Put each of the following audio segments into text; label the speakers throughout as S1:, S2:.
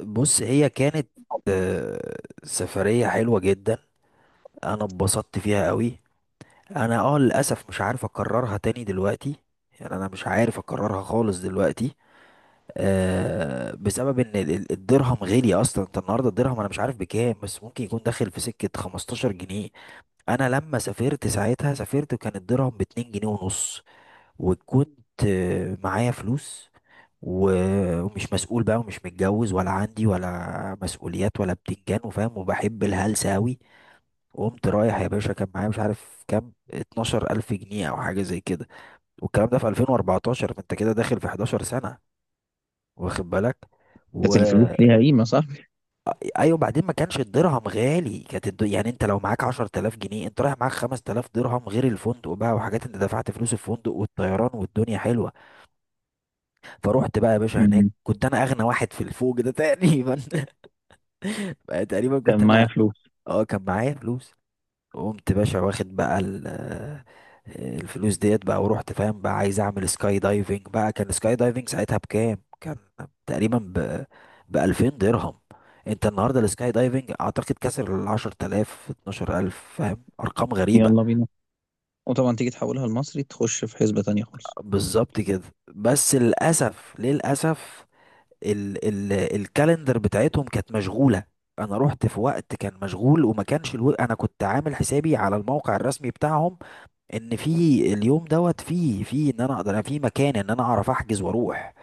S1: بص هي كانت آه، سفرية حلوة جدا. انا اتبسطت فيها قوي. انا للاسف مش عارف اكررها تاني دلوقتي. يعني انا مش عارف اكررها خالص دلوقتي. بسبب ان الدرهم غالي اصلا. انت النهارده الدرهم انا مش عارف بكام، بس ممكن يكون داخل في سكة 15 جنيه. انا لما سافرت ساعتها سافرت وكان الدرهم ب 2 جنيه ونص، وكنت معايا فلوس، ومش مسؤول بقى، ومش متجوز ولا عندي ولا مسؤوليات ولا بتنجان وفاهم، وبحب الهلسة أوي. وقمت رايح يا باشا، كان معايا مش عارف كام، 12 ألف جنيه أو حاجة زي كده. والكلام ده في 2014، فأنت كده داخل في 11 سنة، واخد بالك؟ و
S2: كانت الفلوس ليها قيمة صح؟
S1: أيوة، بعدين ما كانش الدرهم غالي. كانت يعني أنت لو معاك 10000 جنيه أنت رايح معاك 5000 درهم غير الفندق بقى وحاجات. أنت دفعت فلوس الفندق والطيران والدنيا حلوة. فروحت بقى يا باشا هناك،
S2: مم.
S1: كنت انا اغنى واحد في الفوج ده تقريبا بقى تقريبا
S2: كان
S1: كنت
S2: معايا
S1: انا،
S2: فلوس.
S1: اه كان معايا فلوس. وقمت باشا واخد بقى الفلوس ديت بقى، ورحت فاهم بقى عايز اعمل سكاي دايفنج بقى. كان سكاي دايفنج ساعتها بكام؟ كان تقريبا ب 2000 درهم. انت النهارده السكاي دايفنج اعتقد كسر ال 10000، 12000، فاهم؟ ارقام غريبة.
S2: يلا بينا. وطبعا تيجي تحولها لمصري، تخش في حسبة تانية خالص.
S1: بالظبط كده. بس للاسف للاسف ال ال الكالندر بتاعتهم كانت مشغولة. انا رحت في وقت كان مشغول، وما كانش انا كنت عامل حسابي على الموقع الرسمي بتاعهم ان في اليوم دوت، في في ان انا اقدر، أنا في مكان، ان انا اعرف احجز واروح.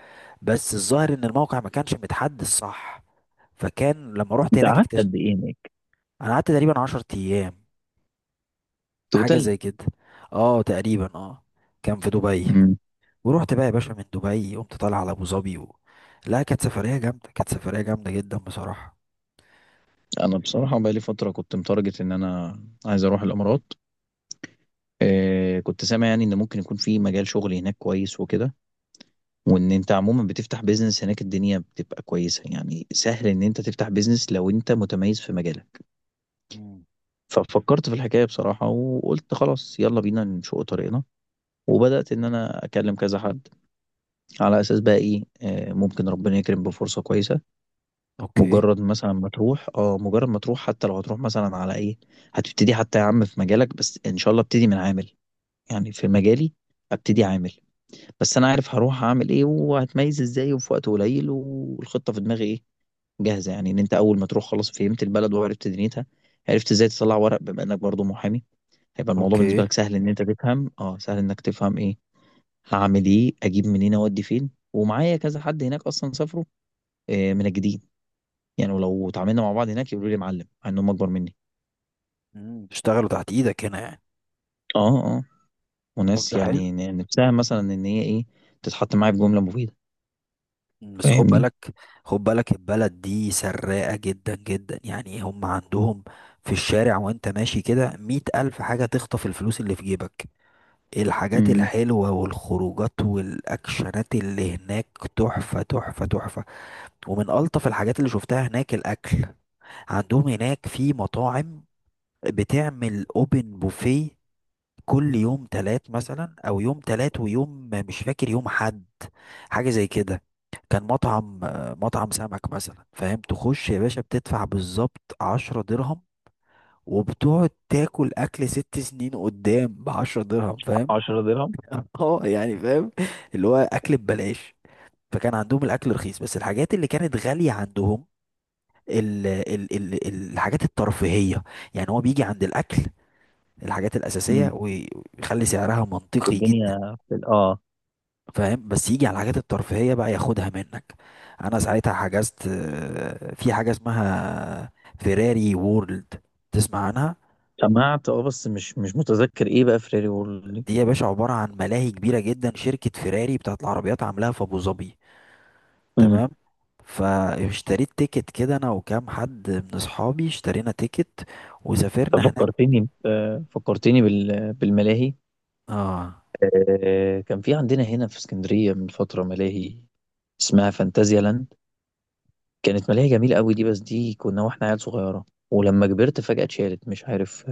S1: بس الظاهر ان الموقع ما كانش متحدث صح. فكان لما رحت
S2: انت
S1: هناك
S2: قعدت
S1: اكتشفت.
S2: قد ايه هناك؟
S1: انا قعدت تقريبا 10 ايام، حاجة
S2: توتال.
S1: زي كده، اه تقريبا اه. كان في دبي.
S2: مم.
S1: ورحت بقى يا باشا من دبي قمت طالع على ابو ظبي لا كانت سفرية جامدة، كانت سفرية جامدة جدا بصراحة.
S2: انا بصراحة بقالي فترة كنت متارجت ان انا عايز اروح الامارات. كنت سامع يعني ان ممكن يكون في مجال شغل هناك كويس وكده. وان انت عموما بتفتح بيزنس هناك الدنيا بتبقى كويسة، يعني سهل ان انت تفتح بيزنس لو انت متميز في مجالك. ففكرت في الحكاية بصراحة وقلت خلاص يلا بينا نشق طريقنا. وبدأت ان انا اكلم كذا حد، على اساس بقى ايه، ممكن ربنا يكرم بفرصه كويسه.
S1: اوكي،
S2: مجرد مثلا ما تروح، مجرد ما تروح حتى لو هتروح مثلا على ايه. هتبتدي حتى يا عم في مجالك، بس ان شاء الله ابتدي من عامل، يعني في مجالي ابتدي عامل. بس انا عارف هروح اعمل ايه وهتميز ازاي وفي وقت قليل، والخطه في دماغي ايه جاهزه. يعني ان انت اول ما تروح خلاص فهمت البلد وعرفت دنيتها، عرفت ازاي تطلع ورق. بما انك برضو محامي، هيبقى الموضوع
S1: اوكي.
S2: بالنسبه لك سهل، ان انت تفهم، سهل انك تفهم ايه هعمل، ايه اجيب منين اودي فين. ومعايا كذا حد هناك اصلا سافروا من الجديد. يعني ولو اتعاملنا مع بعض هناك يقولوا لي معلم، مع انهم اكبر مني.
S1: مم. اشتغلوا تحت ايدك هنا يعني.
S2: اه. اه.
S1: طب
S2: وناس
S1: ده حلو.
S2: يعني نفسها مثلا ان هي ايه تتحط معايا في جمله مفيده،
S1: مم. بس خد
S2: فاهمني.
S1: بالك. خد بالك البلد دي سراقة جدا جدا، يعني هم عندهم في الشارع وانت ماشي كده مية ألف حاجة تخطف الفلوس اللي في جيبك. الحاجات
S2: امم.
S1: الحلوة والخروجات والأكشنات اللي هناك، تحفة تحفة تحفة. ومن ألطف الحاجات اللي شفتها هناك الأكل. عندهم هناك في مطاعم بتعمل اوبن بوفيه كل يوم تلات مثلا، او يوم تلات ويوم مش فاكر يوم حد، حاجه زي كده. كان مطعم سمك مثلا، فاهم؟ تخش يا باشا بتدفع بالظبط 10 درهم، وبتقعد تاكل اكل 6 سنين قدام بعشرة درهم، فاهم؟
S2: 10 درهم.
S1: اه يعني فاهم. اللي هو اكل ببلاش. فكان عندهم الاكل رخيص، بس الحاجات اللي كانت غاليه عندهم ال ال ال الحاجات الترفيهيه. يعني هو بيجي عند الاكل الحاجات الاساسيه
S2: امم.
S1: ويخلي سعرها منطقي جدا.
S2: والدنيا في اه
S1: فاهم؟ بس يجي على الحاجات الترفيهية بقى ياخدها منك. انا ساعتها حجزت في حاجة اسمها فيراري وورلد، تسمع عنها؟
S2: سمعت اه بس مش متذكر ايه بقى فريري وورلد دي.
S1: دي يا باشا عبارة عن ملاهي كبيرة جدا، شركة فيراري بتاعت العربيات عاملاها في ابو ظبي،
S2: امم.
S1: تمام. فاشتريت تيكت كده، انا وكام حد من اصحابي اشترينا تيكت، وسافرنا هناك.
S2: ففكرتني، فكرتني بالملاهي.
S1: اه.
S2: كان في عندنا هنا في اسكندريه من فتره ملاهي اسمها فانتازيا لاند، كانت مالية جميلة قوي دي، بس دي كنا واحنا عيال صغيرة. ولما كبرت فجأة اتشالت، مش عارف.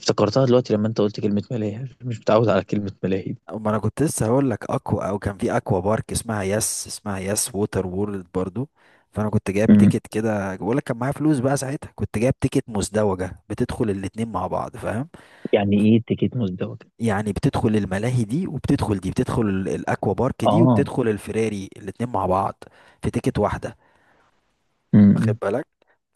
S2: افتكرتها دلوقتي لما انت قلت كلمة ملاهي مش متعود على كلمة ملاهي دي.
S1: ما انا كنت لسه هقول لك اكوا، او كان في اكوا بارك اسمها يس ووتر وورلد برضو. فانا كنت جايب
S2: أمم.
S1: تيكت كده، بقول لك كان معايا فلوس بقى ساعتها، كنت جايب تيكت مزدوجه بتدخل الاتنين مع بعض، فاهم؟
S2: يعني ايه تيكت مزدوجة؟
S1: يعني بتدخل الملاهي دي وبتدخل دي، بتدخل الاكوا بارك دي
S2: اه.
S1: وبتدخل الفراري، الاتنين مع بعض في تيكت واحده، واخد
S2: أمم.
S1: بالك؟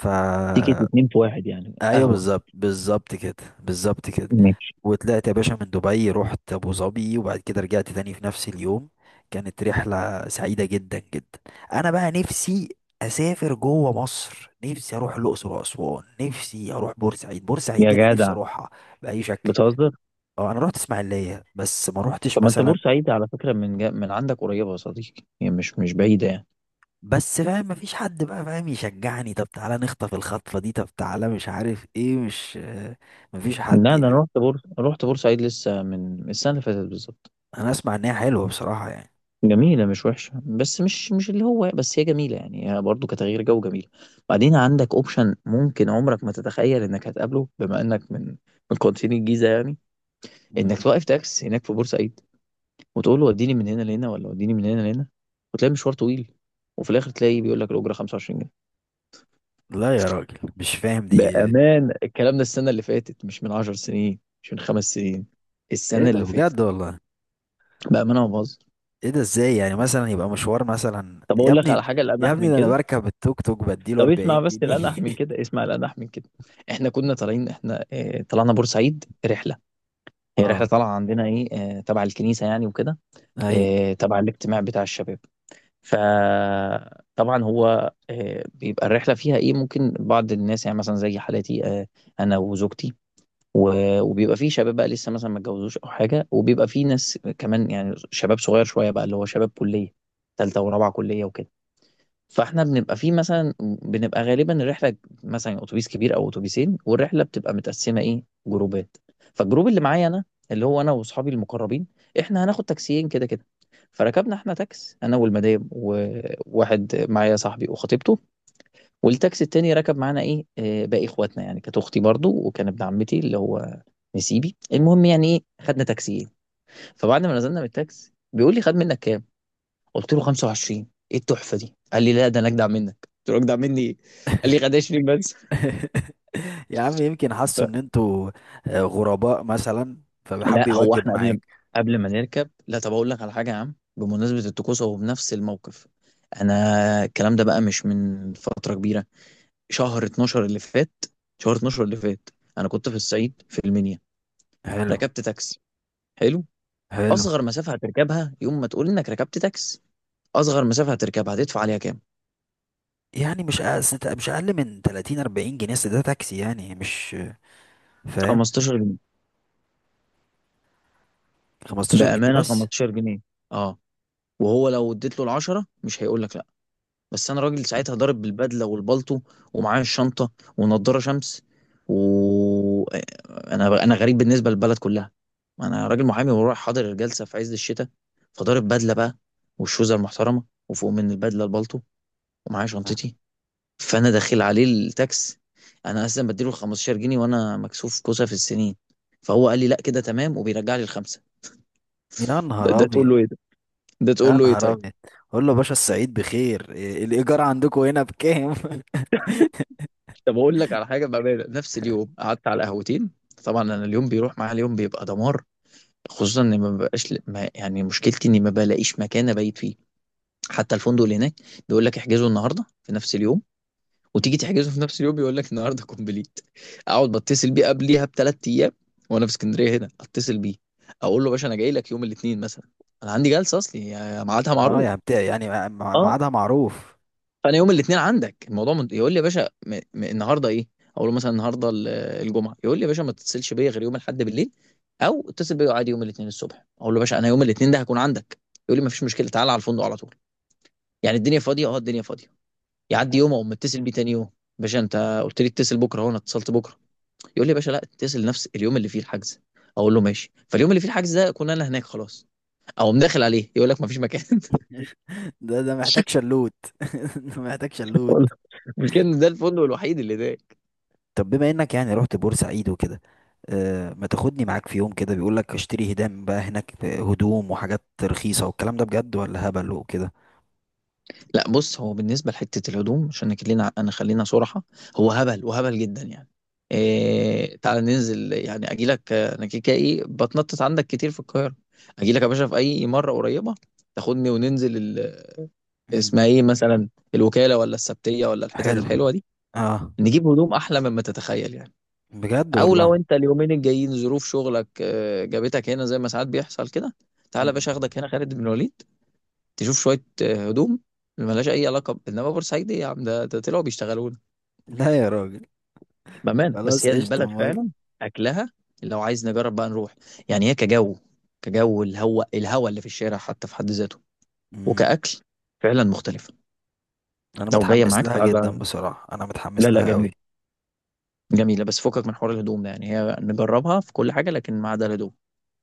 S1: ف
S2: تيكت اتنين في واحد يعني
S1: ايوه
S2: قهوة.
S1: بالظبط، بالظبط كده، بالظبط كده.
S2: ماشي.
S1: وطلعت يا باشا من دبي رحت ابو ظبي وبعد كده رجعت تاني في نفس اليوم. كانت رحله سعيده جدا جدا. انا بقى نفسي اسافر جوه مصر، نفسي اروح الاقصر واسوان، نفسي اروح بورسعيد. بورسعيد
S2: يا
S1: دي انا نفسي
S2: جدع
S1: اروحها باي شكل.
S2: بتهزر.
S1: اه انا رحت اسماعيليه بس ما رحتش
S2: طب ما انت
S1: مثلا.
S2: بورسعيد على فكرة من عندك قريبة يا صديقي، يعني مش بعيدة يعني.
S1: بس فاهم مفيش حد بقى فاهم يشجعني، طب تعالى نخطف الخطفه دي، طب تعالى مش عارف ايه، مش آه، مفيش حد
S2: لا ده انا
S1: يعني.
S2: رحت بورسعيد لسه من السنة اللي فاتت بالظبط.
S1: انا اسمع ان هي حلوه بصراحه يعني.
S2: جميلة مش وحشة، بس مش اللي هو، بس هي جميلة يعني، هي برضه كتغيير جو جميلة. بعدين عندك اوبشن ممكن عمرك ما تتخيل انك هتقابله، بما انك من قناتين الجيزة يعني،
S1: مم.
S2: انك توقف تاكس هناك في بورسعيد، وتقول له وديني من هنا لهنا ولا وديني من هنا لهنا، وتلاقي مشوار طويل، وفي الاخر تلاقي بيقول لك الأجرة 25 جنيه.
S1: لا يا راجل، مش فاهم دي ايه.
S2: بأمان الكلام ده السنة اللي فاتت، مش من 10 سنين، مش من خمس سنين،
S1: إيه
S2: السنة
S1: ده
S2: اللي فاتت.
S1: بجد والله؟
S2: بأمانة ما بهزر.
S1: ايه ده؟ ازاي يعني مثلا يبقى مشوار مثلا
S2: طب
S1: يا
S2: اقول لك
S1: ابني؟
S2: على حاجة
S1: يا
S2: الأنح
S1: ابني
S2: من
S1: ده انا
S2: كده.
S1: بركب التوك توك بديله
S2: طب اسمع
S1: 40
S2: بس
S1: جنيه
S2: الانح من كده، اسمع الانح من كده. احنا كنا طالعين، احنا اه طلعنا بورسعيد رحله. هي رحله
S1: اه،
S2: طالعه عندنا ايه، اه تبع الكنيسه يعني وكده،
S1: ايوه.
S2: اه تبع الاجتماع بتاع الشباب. فطبعا هو اه بيبقى الرحله فيها ايه، ممكن بعض الناس يعني مثلا زي حالتي اه انا وزوجتي، وبيبقى فيه شباب بقى لسه مثلا ما اتجوزوش او حاجه، وبيبقى فيه ناس كمان يعني شباب صغير شويه بقى، اللي هو شباب كليه ثالثه ورابعه كليه وكده. فاحنا بنبقى فيه مثلا، بنبقى غالبا الرحله مثلا اتوبيس كبير او اتوبيسين، والرحله بتبقى متقسمه ايه جروبات. فالجروب اللي معايا انا، اللي هو انا واصحابي المقربين، احنا هناخد تاكسيين كده كده. فركبنا احنا تاكس، انا والمدام وواحد معايا صاحبي وخطيبته، والتاكسي التاني ركب معانا ايه، باقي اخواتنا يعني، كانت اختي برضو، وكان ابن عمتي اللي هو نسيبي.
S1: مم.
S2: المهم يعني ايه خدنا تاكسيين. فبعد ما نزلنا من التاكس بيقول لي خد منك كام؟ قلت له 25. ايه التحفه دي؟ قال لي لا ده انا اجدع منك. قلت له اجدع مني ايه؟ قال لي خدشني بس.
S1: يا عم يمكن حسوا ان انتوا غرباء مثلا، فحب
S2: لا هو
S1: يوجب
S2: احنا قبل
S1: معاك.
S2: قبل ما نركب لا. طب اقول لك على حاجه يا عم بمناسبه الطقوس، هو بنفس الموقف. انا الكلام ده بقى مش من فتره كبيره، شهر 12 اللي فات، شهر 12 اللي فات. انا كنت في الصعيد في المنيا،
S1: حلو،
S2: ركبت تاكسي. حلو.
S1: حلو.
S2: اصغر مسافه هتركبها يوم ما تقول انك ركبت تاكسي، اصغر
S1: مم.
S2: مسافه هتركبها هتدفع عليها كام؟
S1: يعني مش اقل من 30، 40 جنيه، أصل ده تاكسي يعني مش فاهم.
S2: 15 جنيه،
S1: 15 جنيه
S2: بامانه
S1: بس؟
S2: 15 جنيه. اه. وهو لو اديت له العشرة مش هيقول لك لا. بس انا راجل ساعتها ضارب بالبدله والبلطو، ومعايا الشنطه ونضاره شمس، و انا غريب بالنسبه للبلد كلها، انا راجل محامي ورايح حاضر الجلسه في عز الشتاء، فضارب بدله بقى والشوزه المحترمه وفوق من البدله البلطو ومعايا
S1: آه.
S2: شنطتي. فانا داخل عليه التاكس، انا اصلا بديله 15 جنيه، وانا مكسوف كوسه في السنين. فهو قال لي لا كده تمام، وبيرجع لي الخمسه.
S1: يا
S2: ده,
S1: نهار
S2: ده تقول
S1: ابيض.
S2: له ايه ده؟ ده تقول
S1: يا
S2: له ايه
S1: نهار
S2: طيب؟
S1: ابيض. قول له باشا السعيد بخير، إيه الايجار عندكم هنا بكام؟
S2: طب اقول لك على حاجه بامانه، نفس اليوم قعدت على قهوتين. طبعا انا اليوم بيروح معايا، اليوم بيبقى دمار. خصوصا اني ما ببقاش، ما يعني مشكلتي اني ما بلاقيش مكان ابيت فيه. حتى الفندق اللي هناك بيقول لك احجزه النهارده في نفس اليوم، وتيجي تحجزه في نفس اليوم يقول لك النهارده كومبليت. اقعد بتصل بيه قبليها بثلاث ايام، وانا في اسكندريه هنا اتصل بيه، اقول له باشا انا جاي لك يوم الاثنين مثلا، انا عندي جلسه اصلي يعني ميعادها
S1: اه يا
S2: معروف.
S1: بتاع يعني
S2: اه.
S1: ميعادها معروف.
S2: فانا يوم الاثنين عندك الموضوع يقول لي يا باشا النهارده ايه. اقول له مثلا النهارده الجمعه. يقول لي يا باشا ما تتصلش بيا غير يوم الاحد بالليل، او اتصل بيا عادي يوم الاثنين الصبح. اقول له يا باشا انا يوم الاثنين ده هكون عندك. يقول لي ما فيش مشكله تعالى على الفندق على طول، يعني الدنيا فاضيه اه الدنيا فاضيه. يعدي يوم اقوم متصل بيه تاني يوم، باشا انت قلت لي اتصل بكره اهو انا اتصلت بكره. يقول لي يا باشا لا اتصل نفس اليوم اللي فيه الحجز. اقول له ماشي، فاليوم اللي فيه الحجز ده اكون انا هناك خلاص. اقوم داخل عليه يقول لك ما فيش مكان
S1: ده محتاج شلوت. ده محتاج شلوت.
S2: والله، مش كان ده الفندق الوحيد اللي ده.
S1: طب بما انك يعني رحت بورسعيد وكده، ما تاخدني معاك في يوم كده، بيقول لك اشتري هدام بقى هناك، هدوم وحاجات رخيصة، والكلام ده بجد ولا هبل وكده؟
S2: لا بص، هو بالنسبه لحته الهدوم عشان خلينا انا خلينا صراحه، هو هبل وهبل جدا يعني. إيه تعال ننزل يعني، اجي لك انا كيكا ايه بتنطط عندك كتير في القاهره، اجي لك يا باشا في اي مره قريبه تاخدني وننزل
S1: مم.
S2: اسمها ايه مثلا، الوكاله ولا السبتيه ولا الحتت
S1: حلو.
S2: الحلوه دي،
S1: اه
S2: نجيب هدوم احلى مما تتخيل يعني.
S1: بجد
S2: او
S1: والله.
S2: لو انت اليومين الجايين ظروف شغلك جابتك هنا زي ما ساعات بيحصل كده، تعالى يا
S1: مم.
S2: باشا اخدك هنا خالد بن الوليد تشوف شويه هدوم ملهاش اي علاقه انما بورسعيد ايه يا عم، ده طلعوا بيشتغلوا لنا
S1: لا يا راجل.
S2: بامانه، بس
S1: خلاص
S2: هي
S1: قشطة
S2: البلد
S1: موافق.
S2: فعلا اكلها. لو عايز نجرب بقى نروح، يعني هي كجو، كجو الهواء، الهواء اللي في الشارع حتى في حد ذاته،
S1: مم.
S2: وكاكل فعلا مختلفه.
S1: انا
S2: لو جايه
S1: متحمس
S2: معاك
S1: لها جدا
S2: تعالى.
S1: بصراحه، انا
S2: لا
S1: متحمس
S2: لا
S1: لها قوي.
S2: جميل. جميلة، بس فكك من حوار الهدوم ده، يعني هي نجربها في كل حاجة لكن ما عدا الهدوم.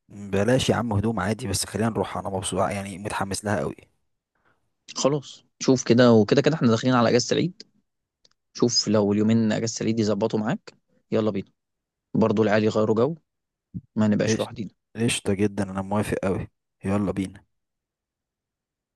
S1: بلاش يا عم هدوم، عادي بس خلينا نروح انا مبسوط يعني متحمس لها قوي.
S2: خلاص شوف كده، وكده كده احنا داخلين على اجازة العيد، شوف لو اليومين اجازة العيد يظبطوا معاك، يلا بينا، برضو العيال يغيروا جو، ما نبقاش
S1: ايش.
S2: لوحدنا.
S1: قشطه جدا، انا موافق قوي. يلا بينا.